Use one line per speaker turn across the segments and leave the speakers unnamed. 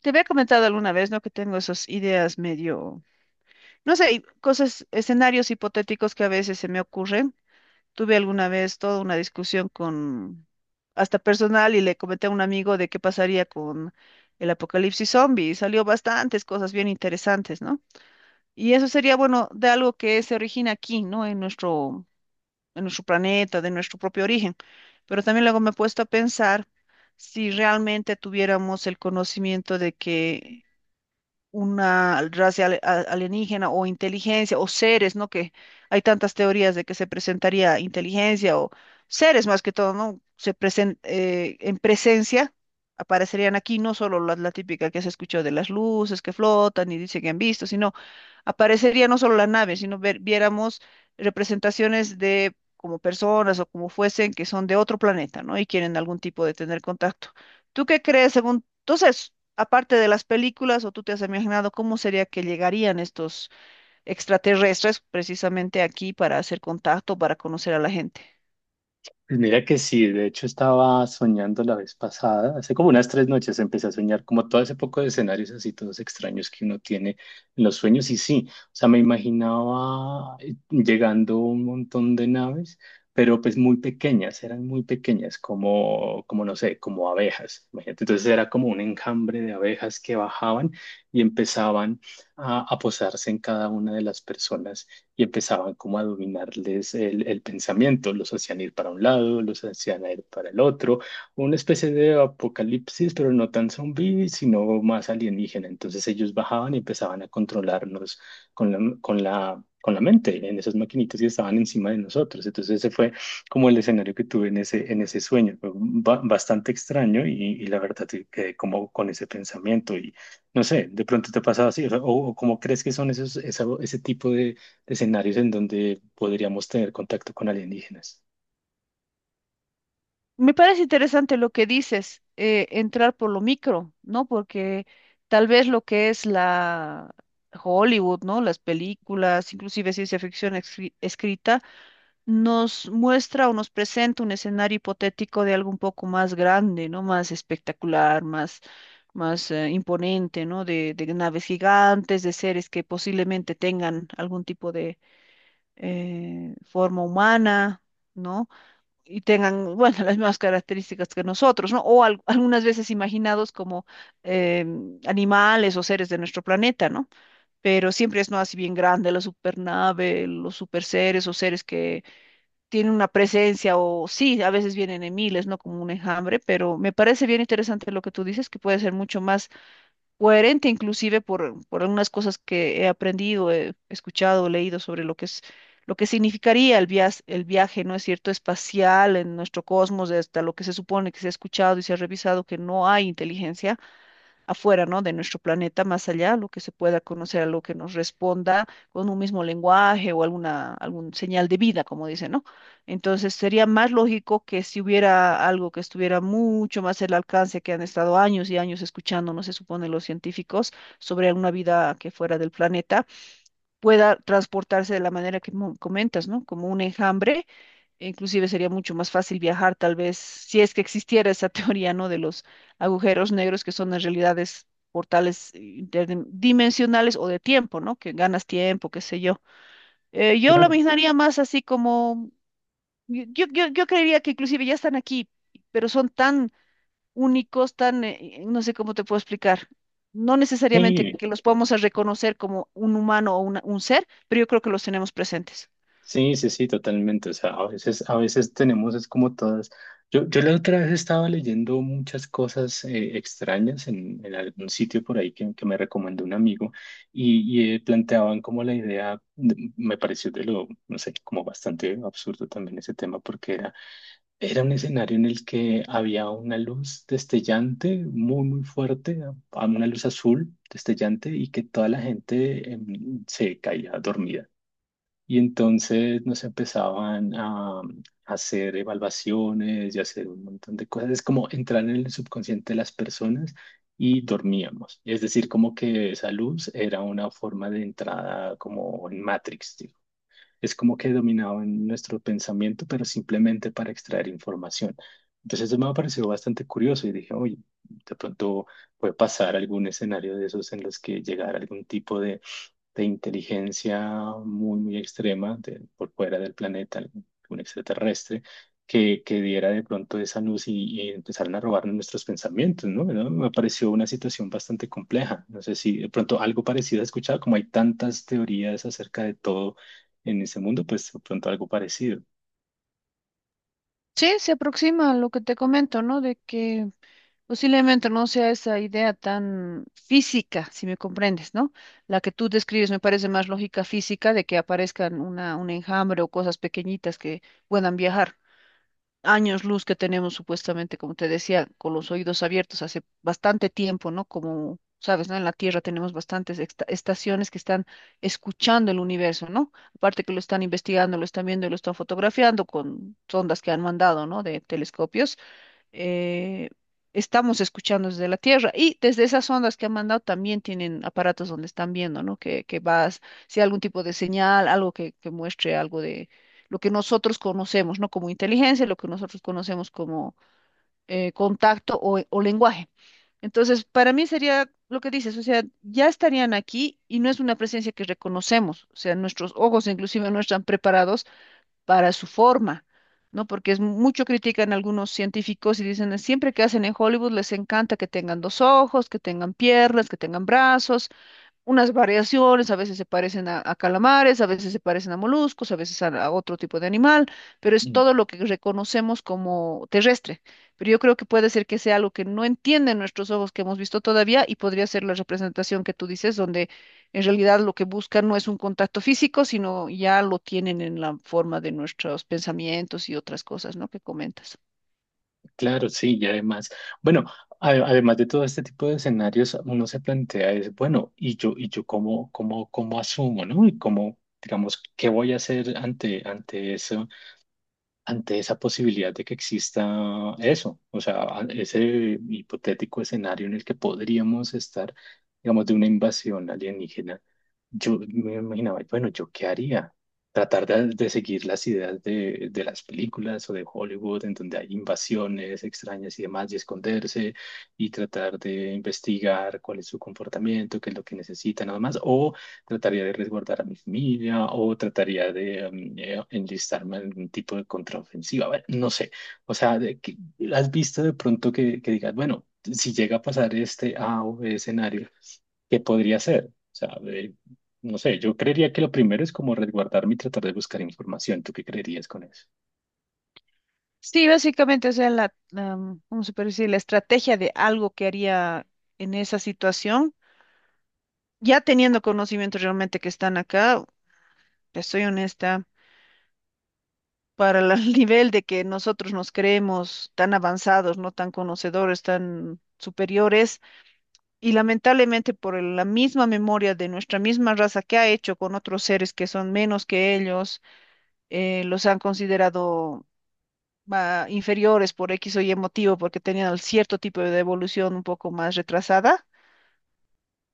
Te había comentado alguna vez, ¿no? Que tengo esas ideas medio, no sé, y cosas, escenarios hipotéticos que a veces se me ocurren. Tuve alguna vez toda una discusión con, hasta personal, y le comenté a un amigo de qué pasaría con el apocalipsis zombie. Y salió bastantes cosas bien interesantes, ¿no? Y eso sería, bueno, de algo que se origina aquí, ¿no? En nuestro planeta, de nuestro propio origen. Pero también luego me he puesto a pensar si realmente tuviéramos el conocimiento de que una raza alienígena o inteligencia o seres, ¿no? Que hay tantas teorías de que se presentaría inteligencia o seres más que todo, ¿no? En presencia aparecerían aquí, no solo la típica que se escuchó de las luces que flotan y dice que han visto, sino aparecería no solo la nave, sino viéramos representaciones de como personas o como fuesen que son de otro planeta, ¿no? Y quieren algún tipo de tener contacto. ¿Tú qué crees según, entonces, aparte de las películas, o tú te has imaginado cómo sería que llegarían estos extraterrestres precisamente aquí para hacer contacto, para conocer a la gente?
Pues mira que sí, de hecho estaba soñando la vez pasada, hace como unas tres noches empecé a soñar como todo ese poco de escenarios así todos extraños que uno tiene en los sueños y sí, o sea, me imaginaba llegando un montón de naves, pero pues muy pequeñas, eran muy pequeñas, como, como no sé, como abejas, imagínate. Entonces era como un enjambre de abejas que bajaban y empezaban a posarse en cada una de las personas y empezaban como a dominarles el pensamiento, los hacían ir para un lado, los hacían ir para el otro, una especie de apocalipsis, pero no tan zombie, sino más alienígena. Entonces ellos bajaban y empezaban a controlarnos con la mente en esas maquinitas y estaban encima de nosotros. Entonces ese fue como el escenario que tuve en ese sueño. Fue bastante extraño y la verdad que quedé como con ese pensamiento y no sé, de pronto te ha pasado así o cómo crees que son esos, ese tipo escenarios en donde podríamos tener contacto con alienígenas.
Me parece interesante lo que dices, entrar por lo micro, ¿no? Porque tal vez lo que es la Hollywood, ¿no? Las películas, inclusive ciencia ficción escrita, nos muestra o nos presenta un escenario hipotético de algo un poco más grande, ¿no? Más espectacular, más, más imponente, ¿no? De naves gigantes, de seres que posiblemente tengan algún tipo de forma humana, ¿no? Y tengan, bueno, las mismas características que nosotros, ¿no? O algunas veces imaginados como eh, animales o seres de nuestro planeta, ¿no? Pero siempre es, ¿no? Así bien grande la supernave, los superseres o seres que tienen una presencia o sí, a veces vienen en miles, ¿no? Como un enjambre, pero me parece bien interesante lo que tú dices, que puede ser mucho más coherente inclusive por algunas cosas que he aprendido, he escuchado, leído sobre lo que es lo que significaría el viaje, ¿no es cierto?, espacial en nuestro cosmos, hasta lo que se supone que se ha escuchado y se ha revisado que no hay inteligencia afuera, ¿no? De nuestro planeta, más allá, lo que se pueda conocer, algo que nos responda con un mismo lenguaje o alguna algún señal de vida, como dicen, ¿no? Entonces sería más lógico que si hubiera algo que estuviera mucho más al alcance, que han estado años y años escuchando, no se supone los científicos, sobre una vida que fuera del planeta, pueda transportarse de la manera que comentas, ¿no? Como un enjambre. Inclusive sería mucho más fácil viajar, tal vez, si es que existiera esa teoría, ¿no? De los agujeros negros que son en realidades portales interdimensionales o de tiempo, ¿no? Que ganas tiempo, qué sé yo. Yo lo
Claro.
imaginaría más así como, yo creería que inclusive ya están aquí, pero son tan únicos, tan, no sé cómo te puedo explicar. No necesariamente
Sí,
que los podamos a reconocer como un humano o un ser, pero yo creo que los tenemos presentes.
sí, sí, sí, totalmente. O sea, a veces tenemos, es como todas. Yo la otra vez estaba leyendo muchas cosas extrañas en algún sitio por ahí que me recomendó un amigo y, planteaban como la idea, me pareció de lo, no sé, como bastante absurdo también ese tema porque era. Era un escenario en el que había una luz destellante, muy, muy fuerte, una luz azul destellante y que toda la gente se caía dormida. Y entonces nos empezaban a hacer evaluaciones y hacer un montón de cosas. Es como entrar en el subconsciente de las personas y dormíamos. Es decir, como que esa luz era una forma de entrada como en Matrix, ¿sí? Es como que dominaban nuestro pensamiento, pero simplemente para extraer información. Entonces eso me pareció bastante curioso y dije, oye, de pronto puede pasar algún escenario de esos en los que llegara algún tipo de inteligencia muy, muy extrema por fuera del planeta, un extraterrestre, que diera de pronto esa luz y empezaran a robar nuestros pensamientos, ¿no? ¿No? Me pareció una situación bastante compleja. No sé si de pronto algo parecido he escuchado, como hay tantas teorías acerca de todo en ese mundo, pues de pronto algo parecido.
Sí, se aproxima a lo que te comento, ¿no? De que posiblemente no sea esa idea tan física, si me comprendes, ¿no? La que tú describes me parece más lógica física de que aparezcan una, un enjambre o cosas pequeñitas que puedan viajar. Años luz que tenemos supuestamente, como te decía, con los oídos abiertos hace bastante tiempo, ¿no? Como sabes, ¿no? En la Tierra tenemos bastantes estaciones que están escuchando el universo, ¿no? Aparte que lo están investigando, lo están viendo y lo están fotografiando con sondas que han mandado, ¿no? De telescopios eh, estamos escuchando desde la Tierra. Y desde esas ondas que han mandado también tienen aparatos donde están viendo, ¿no? Que vas, si hay algún tipo de señal, algo que muestre algo de lo que nosotros conocemos, ¿no? Como inteligencia, lo que nosotros conocemos como contacto o lenguaje. Entonces, para mí sería lo que dices, o sea, ya estarían aquí y no es una presencia que reconocemos, o sea, nuestros ojos inclusive no están preparados para su forma, ¿no? Porque es mucho critican algunos científicos y dicen, siempre que hacen en Hollywood les encanta que tengan dos ojos, que tengan piernas, que tengan brazos, unas variaciones, a veces se parecen a calamares, a veces se parecen a moluscos, a veces a otro tipo de animal, pero es todo lo que reconocemos como terrestre. Pero yo creo que puede ser que sea algo que no entienden nuestros ojos que hemos visto todavía y podría ser la representación que tú dices, donde en realidad lo que buscan no es un contacto físico, sino ya lo tienen en la forma de nuestros pensamientos y otras cosas, ¿no? Que comentas.
Claro, sí, y además, bueno, además de todo este tipo de escenarios, uno se plantea es, bueno, y yo cómo, cómo, cómo asumo, ¿no? Y cómo, digamos, ¿qué voy a hacer ante, ante eso? Ante esa posibilidad de que exista eso, o sea, ese hipotético escenario en el que podríamos estar, digamos, de una invasión alienígena, yo me imaginaba, bueno, ¿yo qué haría? Tratar de seguir las ideas de las películas o de Hollywood, en donde hay invasiones extrañas y demás, y esconderse y tratar de investigar cuál es su comportamiento, qué es lo que necesitan, nada más, o trataría de resguardar a mi familia o trataría de enlistarme en algún tipo de contraofensiva. Bueno, no sé. O sea, ¿has visto de pronto que digas, bueno, si llega a pasar este A o B escenario, ¿qué podría ser? O sea, de- no sé, yo creería que lo primero es como resguardarme y tratar de buscar información. ¿Tú qué creerías con eso?
Sí, básicamente, o sea, la, ¿cómo se puede decir? La estrategia de algo que haría en esa situación ya teniendo conocimientos realmente que están acá, te soy honesta, para el nivel de que nosotros nos creemos tan avanzados, no tan conocedores, tan superiores, y lamentablemente por la misma memoria de nuestra misma raza que ha hecho con otros seres que son menos que ellos, los han considerado ah, inferiores por X o Y motivo, porque tenían cierto tipo de evolución un poco más retrasada.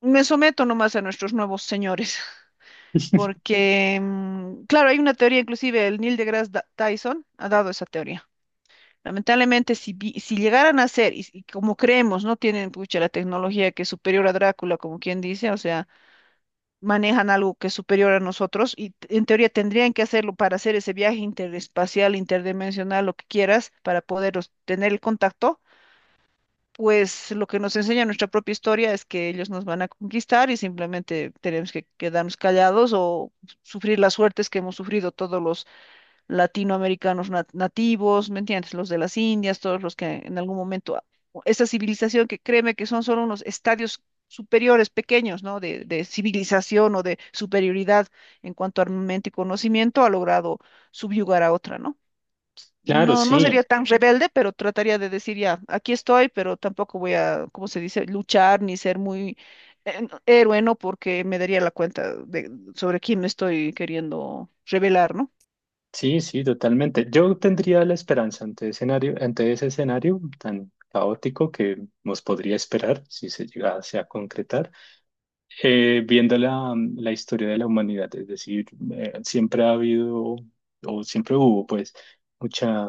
Me someto nomás a nuestros nuevos señores. Porque, mm, claro, hay una teoría, inclusive el Neil deGrasse Tyson ha dado esa teoría. Lamentablemente, si, si llegaran a ser, y como creemos, no tienen pucha, la tecnología que es superior a Drácula, como quien dice, o sea, manejan algo que es superior a nosotros, y en teoría tendrían que hacerlo para hacer ese viaje interespacial, interdimensional, lo que quieras, para poder tener el contacto. Pues lo que nos enseña nuestra propia historia es que ellos nos van a conquistar y simplemente tenemos que quedarnos callados o sufrir las suertes que hemos sufrido todos los latinoamericanos nativos, ¿me entiendes? Los de las Indias, todos los que en algún momento, esa civilización que créeme que son solo unos estadios superiores, pequeños, ¿no? De civilización o de superioridad en cuanto a armamento y conocimiento, ha logrado subyugar a otra, ¿no?
Claro,
No, no sería
sí,
tan rebelde, pero trataría de decir ya, aquí estoy, pero tampoco voy a, ¿cómo se dice?, luchar ni ser muy héroe, ¿no? Porque me daría la cuenta de sobre quién me estoy queriendo revelar, ¿no?
sí, sí, totalmente. Yo tendría la esperanza ante escenario, ante ese escenario tan caótico que nos podría esperar si se llegase a concretar. Viendo la, la historia de la humanidad, es decir, siempre ha habido o siempre hubo pues mucha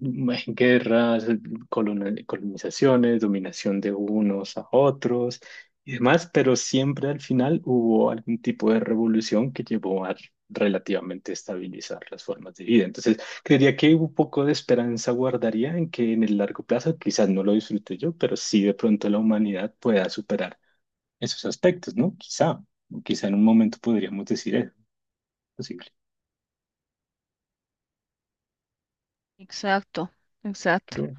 guerras, colonizaciones, dominación de unos a otros y demás, pero siempre al final hubo algún tipo de revolución que llevó a relativamente estabilizar las formas de vida. Entonces, creería que un poco de esperanza guardaría en que en el largo plazo, quizás no lo disfrute yo, pero sí de pronto la humanidad pueda superar esos aspectos, ¿no? Quizá, o quizá en un momento podríamos decir eso, posible.
Exacto, exacto.
Pero,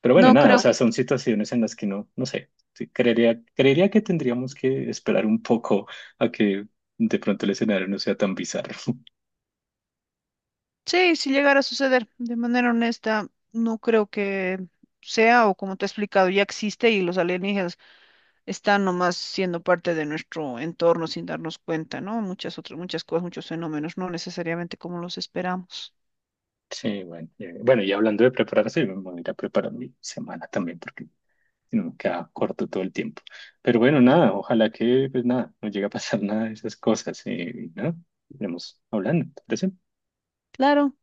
pero bueno,
No
nada, o
creo.
sea, son situaciones en las que no, no sé, sí, creería, creería que tendríamos que esperar un poco a que de pronto el escenario no sea tan bizarro.
Sí, si llegara a suceder, de manera honesta, no creo que sea, o como te he explicado, ya existe y los alienígenas están nomás siendo parte de nuestro entorno sin darnos cuenta, ¿no? Muchas otras, muchas cosas, muchos fenómenos, no necesariamente como los esperamos.
Sí, bueno, bueno, y hablando de prepararse, yo me voy a ir a preparar mi semana también, porque si no me queda corto todo el tiempo. Pero bueno, nada, ojalá que, pues nada, no llegue a pasar nada de esas cosas, y nada, iremos hablando, ¿te parece?
Claro.